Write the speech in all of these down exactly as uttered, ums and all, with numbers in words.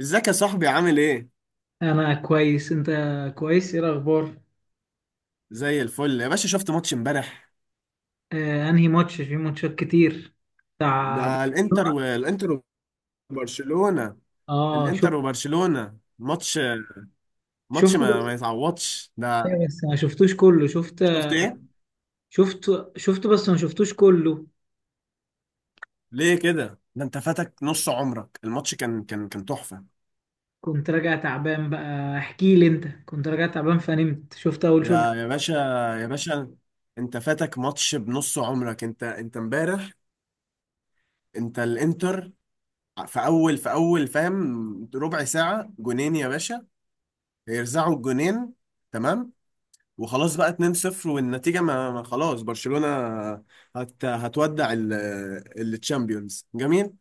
ازيك يا صاحبي عامل ايه؟ انا كويس. انت كويس؟ ايه الاخبار؟ زي الفل يا باشا، شفت ماتش امبارح؟ آه انهي ماتش؟ في ماتشات كتير بتاع. ده الانتر والانتر وبرشلونة. اه الانتر شفت. وبرشلونة ماتش ماتش شفته ما, بس. ما يتعوضش ده. إيه بس ما شفتوش كله، شفت. شفت ايه؟ شفت شفته بس ما شفتوش كله. ليه كده؟ ده انت فاتك نص عمرك، الماتش كان كان كان تحفة. كنت راجع تعبان بقى، احكي لي انت. كنت راجع تعبان فنمت، شفت اول شوط. يا يا باشا، يا باشا، انت فاتك ماتش بنص عمرك، انت انت امبارح. انت الانتر، في اول في اول فاهم، ربع ساعة جونين يا باشا، هيرزعوا الجونين، تمام. وخلاص بقى اتنين صفر، والنتيجة ما ما خلاص، برشلونة هت هتودع ال- التشامبيونز. جميل،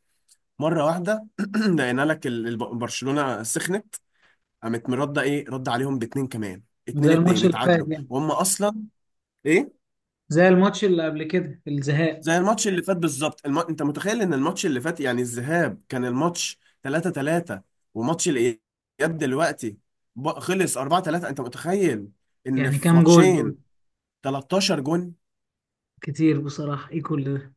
مرة واحدة لقينا لك ال- الب- برشلونة سخنت، قامت مرده، ايه، رد عليهم باتنين كمان، اتنين زي اتنين الماتش اللي فات اتعادلوا، يعني، وهم اصلا، ايه، زي الماتش اللي قبل كده الزهاق. زي الماتش اللي فات بالظبط، الم... انت متخيل ان الماتش اللي فات، يعني الذهاب، كان الماتش تلاتة تلاتة، وماتش الاياب دلوقتي ب- خلص اربعة تلاتة. انت متخيل ان يعني في كام جول ماتشين دول؟ تلتاشر جون، كتير بصراحة، ايه كل ده؟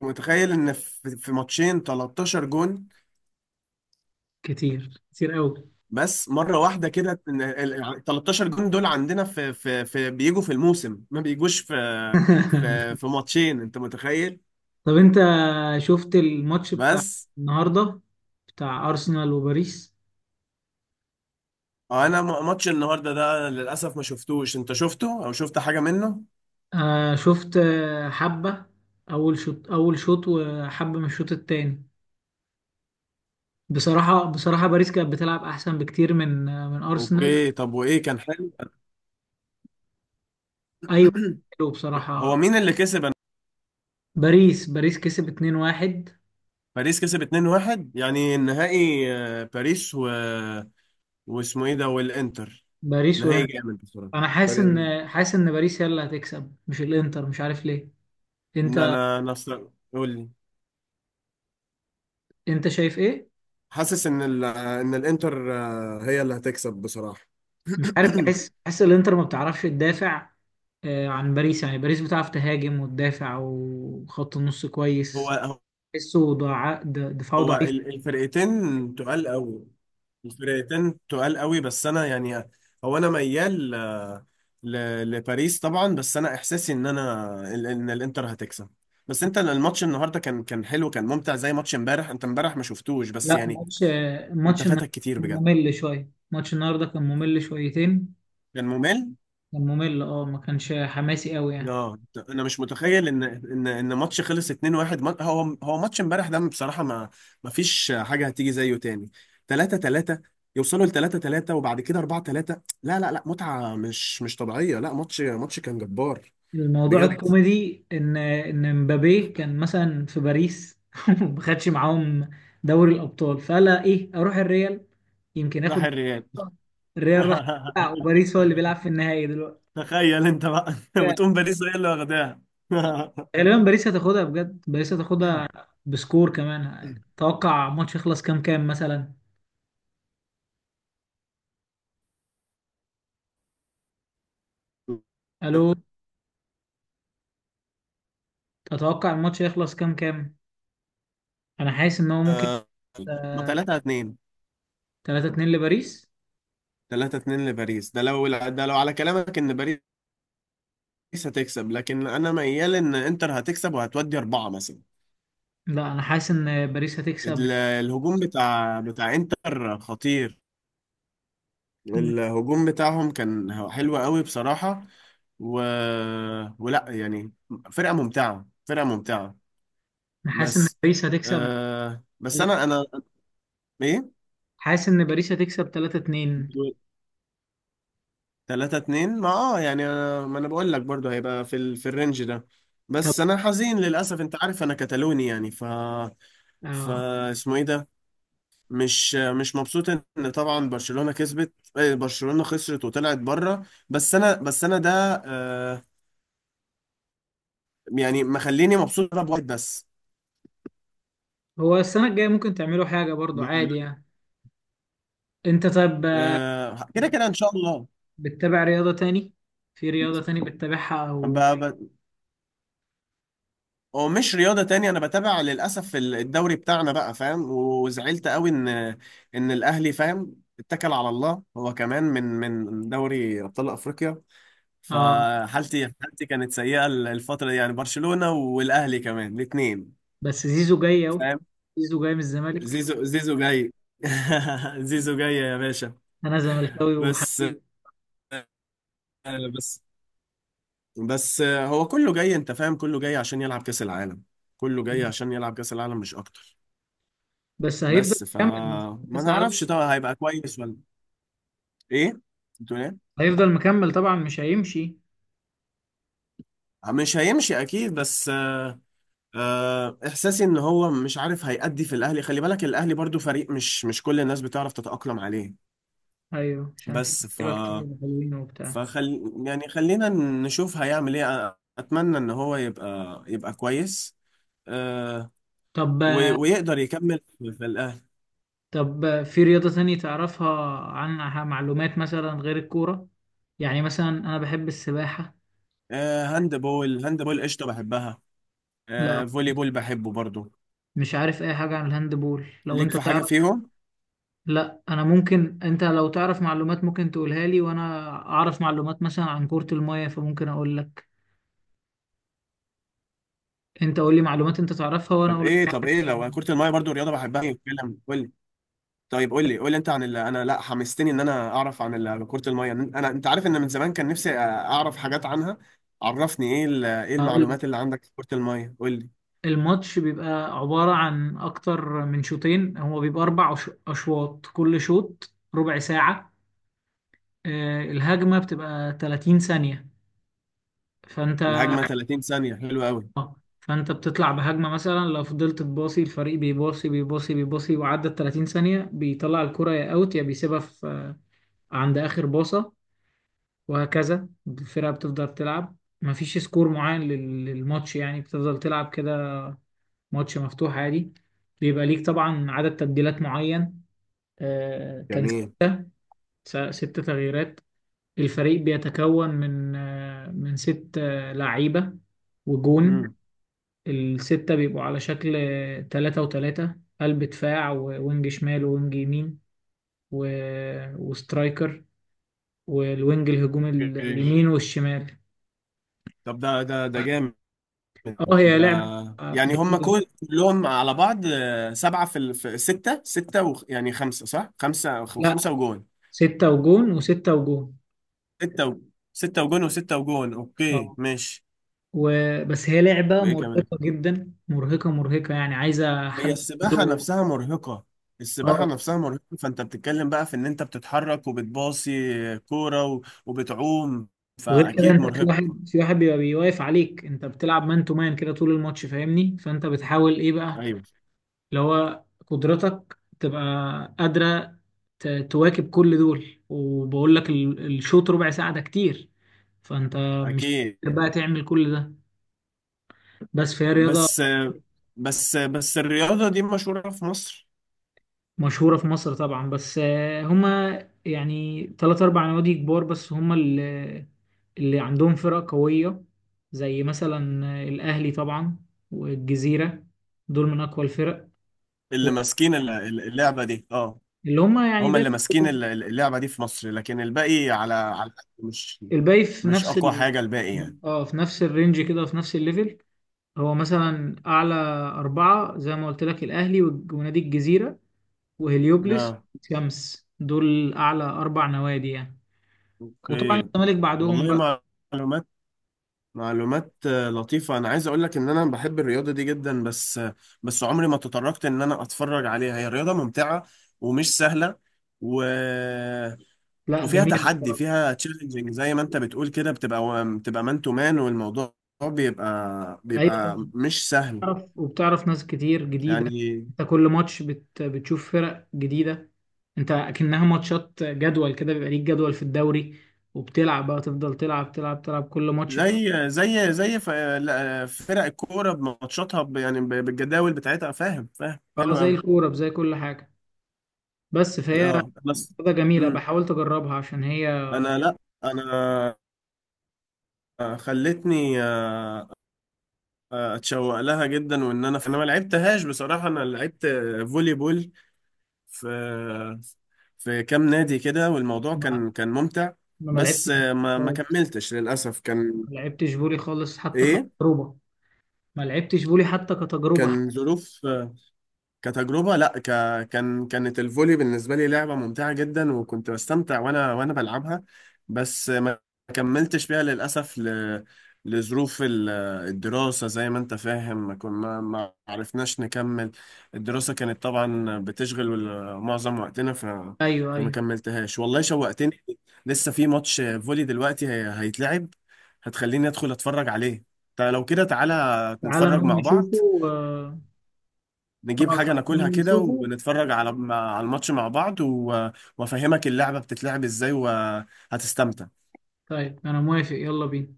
متخيل ان في في ماتشين تلتاشر جون. كتير كتير قوي. بس مره واحده كده إن ال- ال- تلتاشر جون دول عندنا في في في بيجوا في الموسم، ما بيجوش في في في ماتشين، انت متخيل. طب انت شفت الماتش بتاع بس النهارده بتاع ارسنال وباريس؟ انا م- ماتش النهارده ده للاسف ما شفتوش، انت شفته او شفت حاجه منه؟ آه شفت، آه، حبة. اول شوط اول شوط وحبة من الشوط التاني. بصراحة بصراحة باريس كانت بتلعب احسن بكتير من آه، من ارسنال. اوكي، طب وايه، كان حلو؟ ايوه، حلو هو بصراحة. مين اللي كسب؟ أنا- باريس باريس كسب اتنين واحد. باريس كسب اتنين واحد، يعني النهائي، آه، باريس و... واسمه ايه ده، والانتر، باريس نهائي وانتر. جامد بصراحه. انا حاسس ان حاسس ان باريس هي اللي هتكسب، مش الانتر، مش عارف ليه. ان انت انا انا أصلاً- قول لي، انت شايف ايه؟ حاسس ان ال ان الانتر، آه، هي اللي هتكسب بصراحة. مش عارف، بحس بحس الانتر ما بتعرفش تدافع آه، عن باريس. يعني باريس بتعرف تهاجم وتدافع وخط النص كويس. هو تحسه ضع... د- دفاعه هو ضعيف. ال- الفرقتين تقال قوي، الفرقتين تقال قوي، بس انا يعني، هو انا ميال، آه، ل- لباريس طبعا. بس انا احساسي ان انا ال- ان الانتر هتكسب. بس انت الماتش النهارده كان كان حلو، كان ممتع، زي ماتش امبارح، انت امبارح ما شفتوش بس لا، يعني ماتش آه، انت ماتش الن- فاتك كتير كان بجد، ممل شوية. ماتش النهارده كان ممل شويتين. كان ممل كان ممل، اه ما كانش حماسي قوي يعني. اه. انا مش متخيل ان ان ان ماتش خلص اتنين واحد. ما- هو هو ماتش امبارح ده بصراحه، ما ما فيش حاجه هتيجي زيه تاني. تلاتة تلاتة يوصلوا ل تلاتة تلاتة، وبعد كده اربعة تلاتة، لا لا لا، متعه مش مش طبيعيه، لا، ماتش ماتش كان جبار الموضوع بجد. الكوميدي ان ان مبابي كان مثلا في باريس ما خدش معاهم دوري الابطال، فقال ايه اروح الريال يمكن راح اخد. الريال. الريال راح. بتاع، وباريس هو اللي بيلعب في النهائي دلوقتي. تخيل انت بقى، وتقوم باريس هي اللي واخداها. غالبا باريس هتاخدها، بجد باريس هتاخدها. بسكور كمان اتوقع الماتش يخلص كام كام مثلا. الو؟ تتوقع الماتش يخلص كام كام؟ انا حاسس ان هو ممكن تلاتة اتنين، تلاتة اتنين لباريس. تلاتة اتنين لباريس، ده لو ده لو على كلامك ان باريس، باريس هتكسب، لكن انا ميال ان انتر هتكسب وهتودي اربعة مثلا. لا انا حاسس ان باريس هتكسب. ال- الهجوم بتاع بتاع انتر خطير، الهجوم بتاعهم كان حلو قوي بصراحة، و... ولا يعني، فرقة ممتعة، فرقة ممتعة. انا حاسس ان بس باريس هتكسب آه بس انا تلاتة- انا ايه، حاسس ان باريس هتكسب تلاتة اتنين. تلاتة اتنين، ما اه يعني، أنا ما انا بقول لك برضو هيبقى في ال... في الرينج ده. طب، بس انا حزين للاسف، انت عارف انا كتالوني يعني ف، ف اه، اسمه ايه ده، مش مش مبسوط ان طبعا برشلونة كسبت، آه، برشلونة خسرت وطلعت بره. بس انا بس انا ده، آه، يعني مخليني مبسوط بواحد بس. هو السنة الجاية ممكن تعملوا حاجة برضو م- عادي يعني. انت طب، آه، آه، كده كده ان شاء الله. بتتابع رياضة تاني؟ في رياضة تاني بتتابعها ب... او؟ ب... هو مش رياضة تانية، أنا بتابع للأسف ال- الدوري بتاعنا بقى فاهم، وزعلت قوي إن إن الأهلي فاهم اتكل على الله، هو كمان من من دوري أبطال أفريقيا. اه فحالتي حالتي كانت سيئة، ال- الفترة دي يعني برشلونة والأهلي كمان الاتنين. بس زيزو جاي اهو، زيزو جاي من الزمالك. زيزو زيزو جاي، زيزو جاي يا باشا. انا زملكاوي بس وحبيبي. بس بس هو كله جاي، انت فاهم، كله جاي عشان يلعب كأس العالم، كله جاي عشان يلعب كأس العالم مش اكتر. بس هيفضل بس ف، مكمل. ما بس على- نعرفش طبعا هيبقى كويس ولا ايه، بتقول ايه؟ هيفضل مكمل طبعا، مش هيمشي. آه، مش هيمشي اكيد، بس آه، آه، احساسي ان هو مش عارف هيأدي في الاهلي. خلي بالك الاهلي برضو فريق، مش مش كل الناس بتعرف تتأقلم عليه. ايوه عشان في بس ف، لعيبة كتير حلوين وبتاع. فخل يعني خلينا نشوف هيعمل ايه، أ- اتمنى ان هو يبقى يبقى كويس، آه، طب و- ويقدر يكمل في في الاهلي. طب في رياضة تانية تعرفها عنها معلومات مثلا غير الكورة؟ يعني مثلا أنا بحب السباحة. آه، هاند بول، هاند بول قشطه بحبها. لا آه، فولي بول بحبه برضو. مش عارف أي حاجة عن الهاندبول، لو ليك أنت في حاجه تعرف. فيهم؟ لا أنا، ممكن أنت لو تعرف معلومات ممكن تقولها لي، وأنا أعرف معلومات مثلا عن كرة المية فممكن أقول لك. أنت قول لي معلومات أنت تعرفها وأنا طب أقول لك ايه طب معلومات ايه أنا لو أعرفها. كره الميه برضو، رياضه بحبها، يتكلم قول لي. طيب، قول لي قول لي انت عن اللي انا، لا حمستني ان انا اعرف عن ال- كره الميه، انا انت عارف ان من زمان كان نفسي اعرف حاجات عنها. عرفني، ايه ال- ايه هقول لك. المعلومات اللي عندك في كره الميه، قول لي. الماتش بيبقى عبارة عن أكتر من شوطين، هو بيبقى أربع أش- أشواط، كل شوط ربع ساعة. آه، الهجمة بتبقى تلاتين ثانية. فانت الهجمه ثلاثين ثانيه، حلوه قوي، فانت بتطلع بهجمة مثلا، لو فضلت تباصي الفريق بيباصي بيباصي بيباصي وعدت تلاتين ثانية، بيطلع الكرة يا اوت يا بيسيبها في عند اخر باصة، وهكذا الفرقة بتفضل تلعب. مفيش سكور معين لل- للماتش يعني، بتفضل تلعب كده. ماتش مفتوح عادي. بيبقى ليك طبعا عدد تبديلات معين، آه، كان جميل. س- ست تغييرات. الفريق بيتكون من آه، من ست آه، لعيبة وجون. امم الستة بيبقوا على شكل تلاتة وتلاتة. قلب دفاع ووينج شمال ووينج يمين و... وسترايكر، والوينج الهجوم اوكي، اليمين والشمال. طب ده ده ده جامد، اه هي ده لعبة آه، يعني هم جميلة. كل- كلهم على بعض، آه، سبعة في ال- في ستة، ستة و... يعني خمسة صح؟ خمسة، لا، خمسة وجون. ستة وجون وستة وجون. ستة و... ستة وجون، وستة وجون، اوكي اه ماشي. و... بس هي لعبة وايه كمان؟ مرهقة جدا، مرهقة مرهقة يعني، عايزة هي حد السباحة عنده- نفسها مرهقة، السباحة اه. نفسها مرهقة، فانت بتتكلم بقى في ان انت بتتحرك وبتباصي كورة، و... وبتعوم، وغير كده فاكيد انت في مرهقة. واحد في واحد، بيبقى بيواقف عليك، انت بتلعب مان تو مان كده طول الماتش، فاهمني؟ فانت بتحاول ايه بقى، ايوه اللي هو قدرتك تبقى قادرة ت- تواكب كل دول. وبقول لك ال- الشوط ربع ساعة ده كتير، فأنت مش اكيد. قادر بقى تعمل كل ده. بس فهي رياضة بس بس بس الرياضة دي مشهورة في مصر، مشهورة في مصر طبعا. بس آه، هما يعني تلات أربع نوادي كبار بس هما اللي, اللي عندهم فرق قوية، زي مثلا آه، الأهلي طبعا والجزيرة. دول من أقوى الفرق، اللي ماسكين ال- ال- اللعبة دي اه، اللي هما يعني هم اللي دايما. ماسكين ال- ال- اللعبة دي في مصر، لكن الباقي على على مش الباقي في مش نفس أقوى ال... حاجة، الباقي يعني اه في نفس الرينج كده، في نفس الليفل. هو مثلا اعلى اربعة زي ما قلت لك، الاهلي والج- ونادي الجزيره وهليوبلس اه، والشمس، دول اعلى اربع نوادي يعني. وطبعا اوكي. الزمالك بعدهم بقى. والله، معلومات، معلومات، آه، لطيفة. أنا عايز أقول لك إن أنا بحب الرياضة دي جدا، بس آه، بس عمري ما تطرقت إن أنا أتفرج عليها، هي رياضة ممتعة ومش سهلة، و... لا وفيها جميل تحدي، بصراحه. فيها تشالنجينج، زي ما انت بتقول كده، بتبقى بتبقى مان تو مان، والموضوع بيبقى ايوه بيبقى طبعا مش سهل بتعرف وبتعرف ناس كتير جديده. يعني. انت كل ماتش بت... بتشوف فرق جديده. انت اكنها ماتشات جدول كده، بيبقى ليك جدول في الدوري وبتلعب بقى، تفضل تلعب تلعب تلعب كل ماتش بت- زي زي زي ف- لا، فرق الكوره بماتشاتها ب- يعني ب- بالجداول بتاعتها، فاهم، فاهم، اه حلو زي قوي الكوره زي كل حاجه. بس فهي اه. بس، رياضة جميلة، امم بحاولت أجربها عشان هي. انا لا، انا خلتني، آه، اتشوق لها جدا، وان انا انا ما لعبتهاش بصراحه. انا لعبت فولي بول في في كام نادي كده، والموضوع ما, كان كان ممتع، ما بس لعبتش آه، ما ما خالص. كملتش للأسف. كان، ما لعبتش فولي خالص حتى إيه، كتجربة. ما لعبتش فولي حتى كتجربة حتى. كان ظروف. كتجربة لا، ك... كان، كانت الفولي بالنسبة لي لعبة ممتعة جدا، وكنت بستمتع وانا وانا بلعبها. بس ما كملتش فيها للأسف، ل... لظروف ال- الدراسة، زي ما انت فاهم، ما كن... ما ما عرفناش نكمل. الدراسة كانت طبعا بتشغل وال- معظم وقتنا، ف... أيوه فما أيوه، كملتهاش والله. شوقتني، لسه في ماتش فولي دلوقتي هي... هيتلعب، هتخليني ادخل اتفرج عليه. طيب لو كده، تعالى تعالى نتفرج نقوم مع بعض، نشوفه. آه، نجيب آه، حاجة تعالى ناكلها نقوم كده، نشوفه. ونتفرج على على الماتش مع بعض، و- وافهمك اللعبة بتتلعب ازاي، وهتستمتع. طيب أنا موافق، يلا بينا.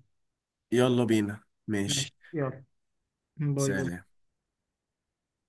يلا بينا ماشي ماشي. يلا. باي باي. سلام.